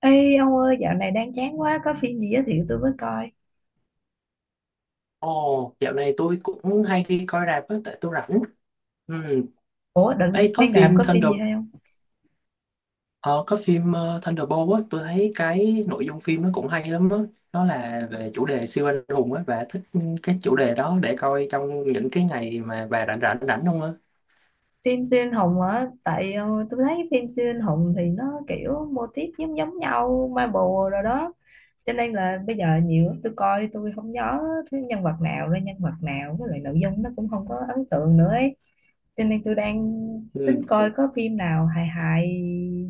Ê ông ơi, dạo này đang chán quá. Có phim gì giới thiệu tôi mới coi? Ồ, dạo này tôi cũng hay đi coi rạp á, tại tôi rảnh. Ừ. Ủa, đợt Ấy, này bên đạp có phim gì hay không? Có phim Thunderbolt á, tôi thấy cái nội dung phim nó cũng hay lắm á. Nó là về chủ đề siêu anh hùng á, và thích cái chủ đề đó để coi trong những cái ngày mà bà rảnh rảnh rảnh không á. Phim siêu anh hùng hả? Tại tôi thấy phim siêu anh hùng thì nó kiểu mô típ giống giống nhau Marvel rồi đó. Cho nên là bây giờ nhiều lắm, tôi coi tôi không nhớ thứ nhân vật nào ra nhân vật nào. Với lại nội dung nó cũng không có ấn tượng nữa ấy. Cho nên tôi đang tính Ừ. coi có phim nào hài hài,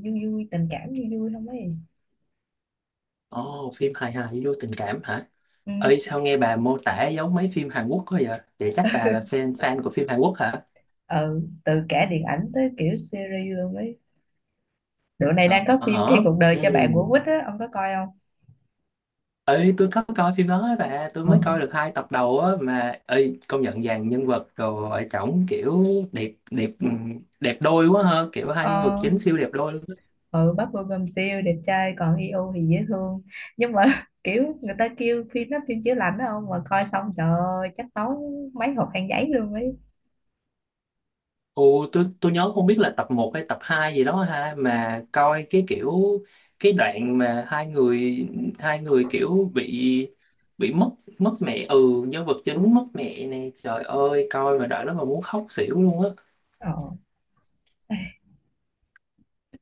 vui vui, tình cảm vui vui không ấy. Ồ, phim hài hài vô tình cảm hả? Ừ, Ơi, sao nghe bà mô tả giống mấy phim Hàn Quốc quá vậy? Vậy chắc bà là fan fan của phim Hàn Quốc hả? ừ, từ cả điện ảnh tới kiểu series luôn ấy. Dạo này đang Ờ, có phim Khi hả? cuộc đời cho bạn của Ừ. Quýt á, ông có coi không? Ê, tôi có coi phim đó á bà, tôi Ừ. mới coi được hai tập đầu á, mà ơi công nhận dàn nhân vật rồi chổng kiểu đẹp đẹp, đẹp đôi quá ha, kiểu hai nhân vật Ờ, chính siêu đẹp đôi luôn á. ừ, Park Bo Gum siêu đẹp trai còn Hyo thì dễ thương. Nhưng mà kiểu người ta kêu phim nó phim chữa lành đó, ông mà coi xong trời ơi, chắc tốn mấy hộp khăn giấy luôn ấy. Ồ, tôi nhớ không biết là tập một hay tập 2 gì đó ha, mà coi cái kiểu cái đoạn mà hai người kiểu bị mất mất mẹ, ừ, nhân vật chính mất mẹ này, trời ơi coi mà đoạn đó mà muốn khóc xỉu luôn á. Ờ.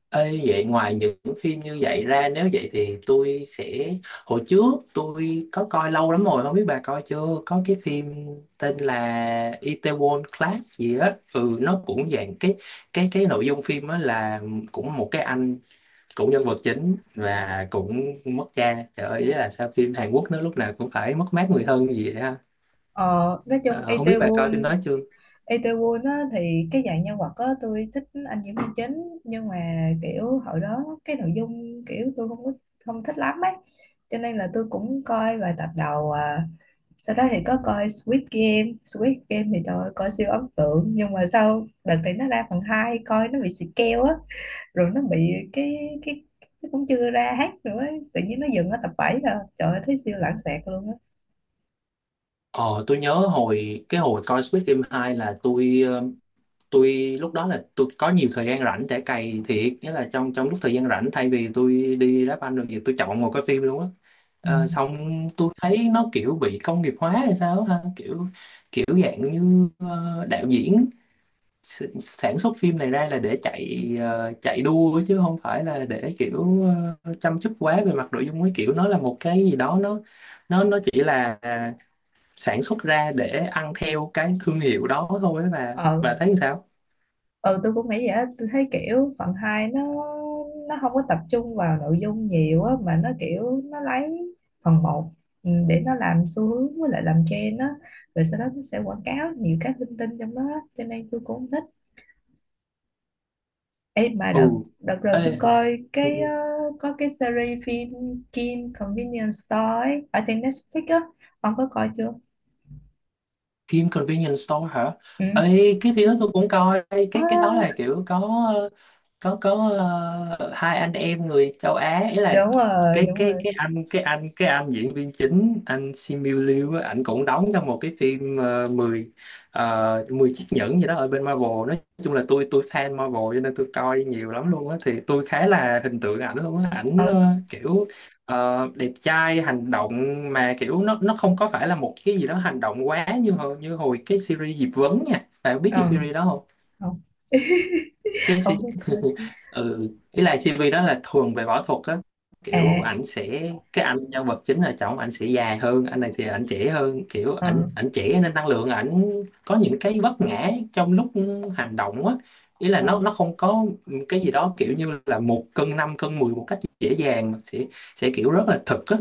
Ê, vậy ngoài những phim như vậy ra, nếu vậy thì tôi sẽ, hồi trước tôi có coi lâu lắm rồi không biết bà coi chưa, có cái phim tên là Itaewon Class gì á, ừ, nó cũng dạng cái, nội dung phim á, là cũng một cái anh, cũng nhân vật chính và cũng mất cha, trời ơi ý là sao phim Hàn Quốc nó lúc nào cũng phải mất mát người thân gì vậy ha? Ờ, nói chung Ờ, không biết bà coi phim Itaewon đó chưa. Itaewon á, thì cái dạng nhân vật á, tôi thích anh diễn viên chính nhưng mà kiểu hồi đó cái nội dung kiểu tôi không có không thích lắm ấy, cho nên là tôi cũng coi vài tập đầu à, sau đó thì có coi Squid Game thì trời ơi, coi siêu ấn tượng nhưng mà sau đợt này nó ra phần 2 coi nó bị xịt keo á, rồi nó bị cái cũng chưa ra hết nữa ấy. Tự nhiên nó dừng ở tập 7 rồi trời ơi, thấy siêu lãng xẹt luôn á. Ờ, tôi nhớ hồi cái hồi coi Squid Game 2 là tôi lúc đó là tôi có nhiều thời gian rảnh để cày thiệt, nghĩa là trong trong lúc thời gian rảnh, thay vì tôi đi đá banh rồi gì tôi chọn một cái phim luôn á. Ừ. Ờ, xong tôi thấy nó kiểu bị công nghiệp hóa hay sao á ha, kiểu kiểu dạng như, đạo diễn sản xuất phim này ra là để chạy, chạy đua chứ không phải là để kiểu, chăm chút quá về mặt nội dung ấy, kiểu nó là một cái gì đó, nó chỉ là, sản xuất ra để ăn theo cái thương hiệu đó thôi ấy. Và Ờ, thấy sao? ờ, tôi cũng nghĩ vậy á, tôi thấy kiểu phần 2 nó không có tập trung vào nội dung nhiều á, mà nó kiểu nó lấy phần 1 để nó làm xu hướng với lại làm trend á, rồi sau đó nó sẽ quảng cáo nhiều cái linh tinh trong đó á. Cho nên tôi cũng không thích. Ê, mà Ừ. đợt đợt rồi tôi Ê, coi ừ, ừ. có cái series phim Kim Convenience Store ấy, ở trên Netflix á, ông có coi chưa? Kim Convenience Store hả? Ừ. Ê, cái phim đó tôi cũng coi. Ê, À, cái đó là kiểu có, ờ, có hai anh em người châu Á, ý là, đúng rồi, đúng rồi. cái anh cái anh cái anh diễn viên chính anh Simu Liu á, ảnh cũng đóng trong một cái phim, uh, 10 10 chiếc nhẫn gì đó ở bên Marvel, nói chung là tôi fan Marvel cho nên tôi coi nhiều lắm luôn á, thì tôi khá là hình tượng ảnh luôn á, ảnh Ừ, kiểu đẹp trai hành động, mà kiểu nó không có phải là một cái gì đó hành động quá, như như hồi cái series Diệp Vấn nha, bạn biết ừ, cái series đó không? không, Cái suy không có coi chứ. ừ, ý là CV đó là thường về võ thuật á, kiểu À, ảnh sẽ, cái anh nhân vật chính là chồng ảnh sẽ dài hơn, anh này thì ảnh trẻ hơn, kiểu ảnh ờ, ảnh trẻ nên năng lượng ảnh có những cái vấp ngã trong lúc hành động á. Ý là ờ, nó không có cái gì đó kiểu như là một cân năm, cân mười một cách dễ dàng, mà sẽ kiểu rất là thực á.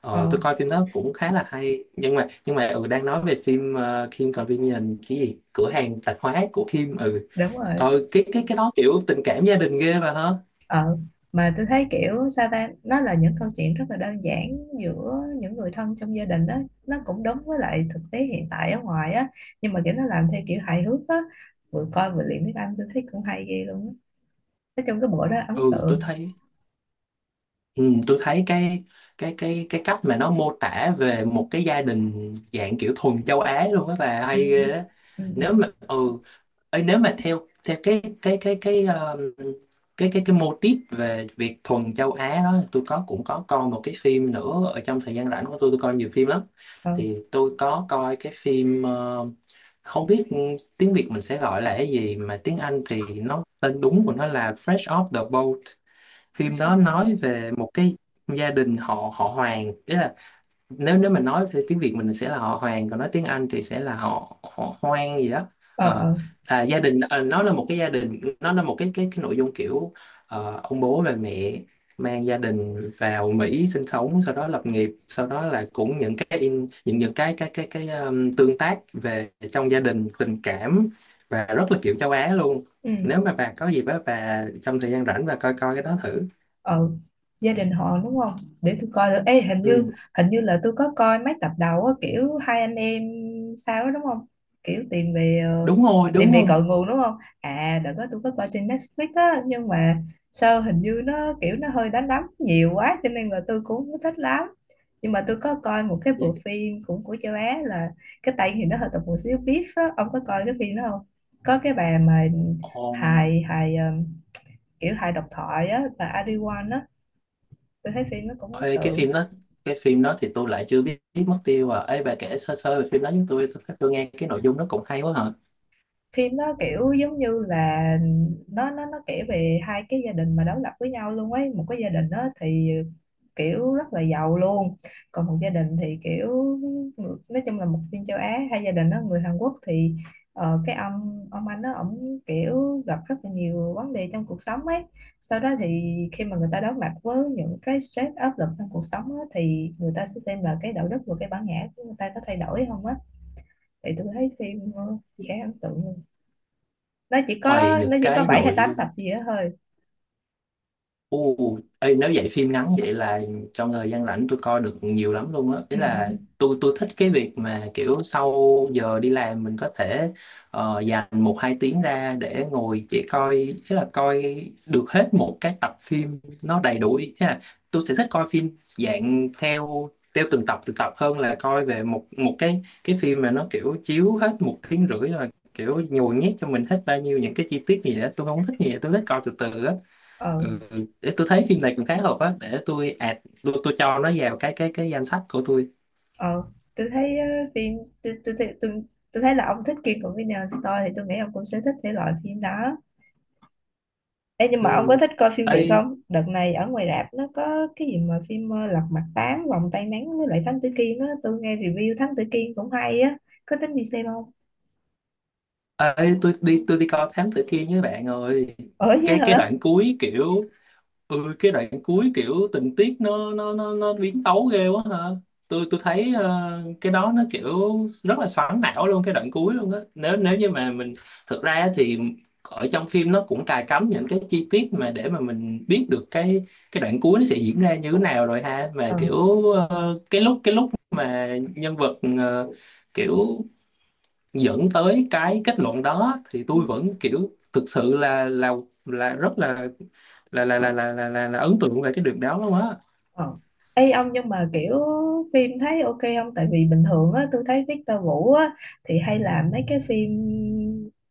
Ờ, ờ, tôi coi phim đó cũng khá là hay, nhưng mà ừ, đang nói về phim, Kim Convenience cái gì, cửa hàng tạp hóa của Kim, ừ. đúng rồi. Cái đó kiểu tình cảm gia đình ghê bà hả? Ờ, mà tôi thấy kiểu sao ta, nó là những câu chuyện rất là đơn giản giữa những người thân trong gia đình đó, nó cũng đúng với lại thực tế hiện tại ở ngoài á, nhưng mà kiểu nó làm theo kiểu hài hước á, vừa coi vừa luyện tiếng Anh tôi thấy cũng hay ghê luôn á. Nói chung cái bộ đó ấn Ừ, tôi tượng. thấy, cái cách mà nó mô tả về một cái gia đình dạng kiểu thuần châu Á luôn á, bà Ừ, hay ghê á. ừ, Nếu ừ. mà ừ ấy, nếu mà theo theo cái cái mô típ về việc thuần châu Á đó, tôi có cũng có coi một cái phim nữa, ở trong thời gian rảnh của tôi coi nhiều phim lắm, Ờ, thì tôi có coi cái phim, không biết tiếng Việt mình sẽ gọi là cái gì, mà tiếng Anh thì nó tên đúng của nó là Fresh Off the Boat. nó Phim đó sao? nói về một cái gia đình họ họ Hoàng, tức là nếu nếu mình nói thì tiếng Việt mình sẽ là họ Hoàng, còn nói tiếng Anh thì sẽ là họ họ Hoang gì đó. Ờ, Ờ, ờ. là gia đình, nó là một cái gia đình, nó là một cái, nội dung kiểu, ông bố và mẹ mang gia đình vào Mỹ sinh sống, sau đó lập nghiệp, sau đó là cũng những cái, những cái tương tác về trong gia đình tình cảm, và rất là kiểu châu Á luôn. Ừ. Nếu mà bà có dịp á, bà trong thời gian rảnh bà coi coi cái đó thử. Ừ, gia đình họ đúng không, để tôi coi được. Ê, hình Ừ, như hình như là tôi có coi mấy tập đầu á, kiểu hai anh em sao đó, đúng không, kiểu đúng rồi, tìm đúng về rồi. cội nguồn đúng không? À, đợt đó tôi có coi trên Netflix á nhưng mà sao hình như nó kiểu nó hơi đánh đấm nhiều quá cho nên là tôi cũng không thích lắm. Nhưng mà tôi có coi một cái bộ phim cũng của châu Á là, cái tay thì nó hơi tập một xíu beef á, ông có coi cái phim đó không? Có cái bà mà Ồ, hài hài, kiểu hài độc thoại á, bà Adiwan á, tôi thấy phim nó cũng ấn ê, cái tượng. phim đó, thì tôi lại chưa biết, biết mất tiêu à ấy, bà kể sơ sơ về phim đó chúng tôi, tôi nghe cái nội dung nó cũng hay quá hả? Phim nó kiểu giống như là nó kể về hai cái gia đình mà đối lập với nhau luôn ấy, một cái gia đình đó thì kiểu rất là giàu luôn, còn một gia đình thì kiểu, nói chung là một phim châu Á, hai gia đình đó người Hàn Quốc thì cái ông anh đó ổng kiểu gặp rất là nhiều vấn đề trong cuộc sống ấy, sau đó thì khi mà người ta đối mặt với những cái stress áp lực trong cuộc sống á, thì người ta sẽ xem là cái đạo đức và cái bản ngã của người ta có thay đổi không á. Thì tôi thấy phim khá ấn tượng luôn, nó chỉ Ôi có nó những chỉ có cái 7 hay nội 8 tập dung. gì đó thôi. Ồ, ê, nếu vậy phim ngắn vậy là trong thời gian rảnh tôi coi được nhiều lắm luôn á. Ý Ừ, ừ, là tôi thích cái việc mà kiểu sau giờ đi làm mình có thể, dành một hai tiếng ra để ngồi chỉ coi, ý là coi được hết một cái tập phim nó đầy đủ. Ý là tôi sẽ thích coi phim dạng theo theo từng tập từng tập, hơn là coi về một một cái phim mà nó kiểu chiếu hết một tiếng rưỡi rồi kiểu nhồi nhét cho mình hết bao nhiêu những cái chi tiết gì đó, tôi không thích gì vậy. Tôi thích coi từ từ á. ờ, Ừ, để tôi thấy phim này cũng khá hợp á, để tôi add, tôi cho nó vào cái danh sách của tôi. ờ, tôi thấy phim tôi tôi thấy tôi, tôi thấy là ông thích Kim Convenience Store thì tôi nghĩ ông cũng sẽ thích thể loại phim đó. Ê, nhưng Ừ. mà ông có thích coi phim Việt Ê, không? Đợt này ở ngoài rạp nó có cái gì mà phim Lật Mặt Tám, Vòng Tay Nắng với lại Thám Tử Kiên á, tôi nghe review Thám Tử Kiên cũng hay á, có tính đi xem không? Tôi đi coi Thám Tử Kiên với bạn rồi. Ở chứ Cái hả? đoạn cuối kiểu, cái đoạn cuối kiểu tình tiết nó biến tấu ghê quá hả. Tôi thấy, cái đó nó kiểu rất là xoắn não luôn cái đoạn cuối luôn á. Nếu Ờ, nếu như mà mình, thực ra á thì ở trong phim nó cũng cài cắm những cái chi tiết mà để mà mình biết được cái đoạn cuối nó sẽ diễn ra như thế nào rồi ha, mà ờ, kiểu cái lúc, mà nhân vật, kiểu dẫn tới cái kết luận đó thì ừ. tôi vẫn kiểu thực sự là rất là ấn tượng về cái điều đó lắm á. Ờ. Ê ông, nhưng mà kiểu phim thấy ok không? Tại vì bình thường á, tôi thấy Victor Vũ á, thì hay làm mấy cái phim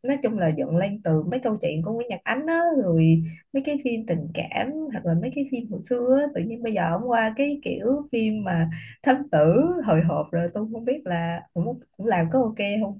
nói chung là dựng lên từ mấy câu chuyện của Nguyễn Nhật Ánh á, rồi mấy cái phim tình cảm hoặc là mấy cái phim hồi xưa á, tự nhiên bây giờ ông qua cái kiểu phim mà thám tử hồi hộp, rồi tôi không biết là cũng cũng làm có ok không?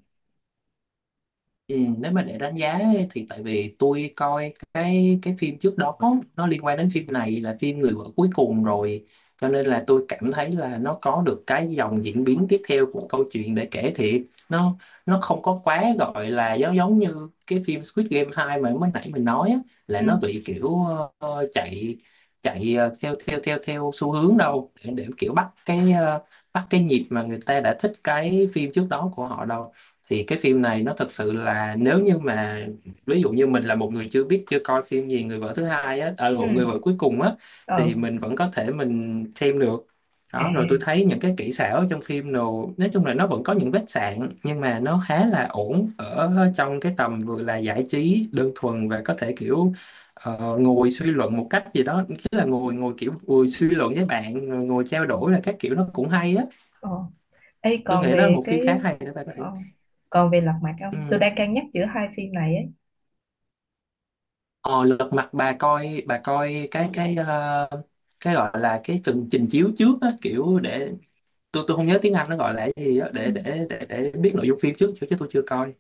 Ừ, nếu mà để đánh giá ấy, thì tại vì tôi coi cái phim trước đó, nó liên quan đến phim này là phim Người vợ cuối cùng rồi, cho nên là tôi cảm thấy là nó có được cái dòng diễn biến tiếp theo của câu chuyện để kể thiệt, nó nó không có quá gọi là giống giống như cái phim Squid Game 2 mà mới nãy mình nói á, là Ừ, nó bị kiểu, chạy chạy ờ, theo theo theo theo xu hướng đâu, để, kiểu bắt cái, nhịp mà người ta đã thích cái phim trước đó của họ đâu. Thì cái phim này nó thật sự là, nếu như mà ví dụ như mình là một người chưa coi phim gì, người vợ thứ hai á ờ một ừ, người vợ cuối cùng á, ờ, thì mình vẫn có thể mình xem được à, đó. Rồi tôi thấy những cái kỹ xảo trong phim nào, nói chung là nó vẫn có những vết sạn nhưng mà nó khá là ổn ở trong cái tầm vừa là giải trí đơn thuần và có thể kiểu, ngồi suy luận một cách gì đó, nghĩa là ngồi, ngồi kiểu ngồi suy luận với bạn ngồi trao đổi, là các kiểu nó cũng hay á. ờ. Ê, Tôi nghĩ còn đó là về một phim khá hay đó, bạn có ờ, Lật Mặt không? Tôi thể. đang cân nhắc giữa hai phim này ấy. Ờ, lật mặt, bà coi cái cái gọi là cái trình trình chiếu trước á, kiểu để tôi không nhớ tiếng Anh nó gọi là cái gì á, Ừ. để biết nội dung phim trước, chứ chứ tôi chưa coi.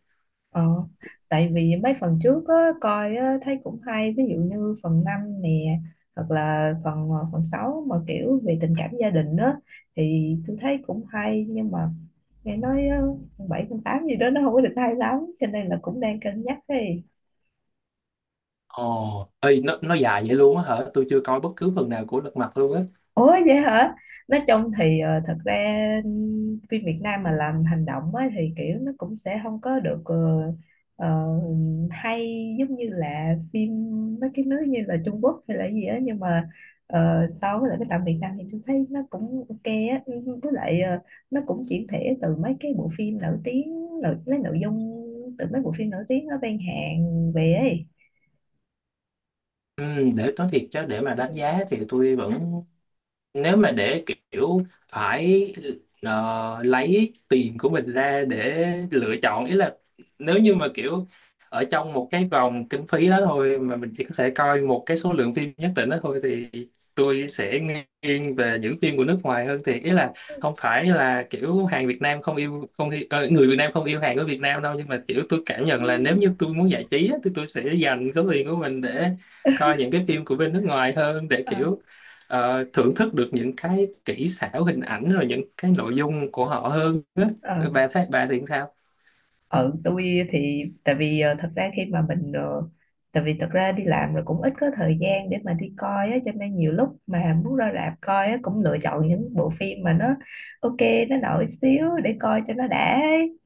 Ờ, tại vì mấy phần trước á, coi á, thấy cũng hay, ví dụ như phần 5 nè hoặc là phần 6 mà kiểu về tình cảm gia đình á thì tôi thấy cũng hay, nhưng mà nghe nói á, phần 7, phần 8 gì đó nó không có được hay lắm cho nên là cũng đang cân nhắc đi. Ồ, ơi nó dài vậy luôn á hả? Tôi chưa coi bất cứ phần nào của lật mặt luôn á. Ủa vậy hả? Nói chung thì thật ra phim Việt Nam mà làm hành động á, thì kiểu nó cũng sẽ không có được ờ, hay giống như là phim mấy cái nước như là Trung Quốc hay là gì á, nhưng mà so với lại cái tạm Việt Nam thì tôi thấy nó cũng ok á. Ừ, với lại nó cũng chuyển thể từ mấy cái bộ phim nổi tiếng lấy nội dung từ mấy bộ phim nổi tiếng ở bên Hàn về ấy. Ừ, để nói thiệt chứ, để mà đánh giá thì tôi vẫn, nếu mà để kiểu phải, lấy tiền của mình ra để lựa chọn, ý là nếu như mà kiểu ở trong một cái vòng kinh phí đó thôi, mà mình chỉ có thể coi một cái số lượng phim nhất định đó thôi, thì tôi sẽ nghiêng về những phim của nước ngoài hơn, thì ý là không phải là kiểu hàng Việt Nam không yêu không yêu, người Việt Nam không yêu hàng của Việt Nam đâu, nhưng mà kiểu tôi cảm nhận là nếu Ừ, như tôi muốn giải trí á, thì tôi sẽ dành số tiền của mình để coi những cái phim của bên nước ngoài hơn, để ờ, kiểu, thưởng thức được những cái kỹ xảo hình ảnh rồi những cái nội dung của họ hơn á. ờ. Bà thấy bà thì sao? Ừ, tôi thì tại vì thật ra khi mà mình tại vì thật ra đi làm rồi cũng ít có thời gian để mà đi coi á, cho nên nhiều lúc mà muốn ra rạp coi á cũng lựa chọn những bộ phim mà nó ok, nó nổi xíu để coi cho nó đã ấy.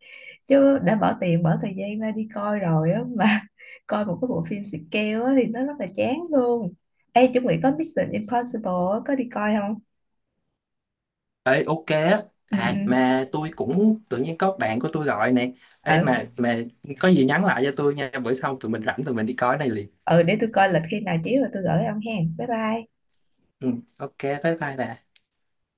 Chứ đã bỏ tiền bỏ thời gian ra đi coi rồi á mà coi một cái bộ phim xịt keo á thì nó rất là chán luôn. Ê chuẩn bị có Mission Impossible á, có đi coi không? Ê, ok á. Ừ, ừ, À mà tôi cũng tự nhiên có bạn của tôi gọi nè. Ê, ừ, mà có gì nhắn lại cho tôi nha, bữa sau tụi mình rảnh tụi mình đi coi cái này liền. ừ, để tôi coi lịch khi nào chiếu rồi tôi gửi ông hen, bye bye. Ừ, ok, bye bye bà.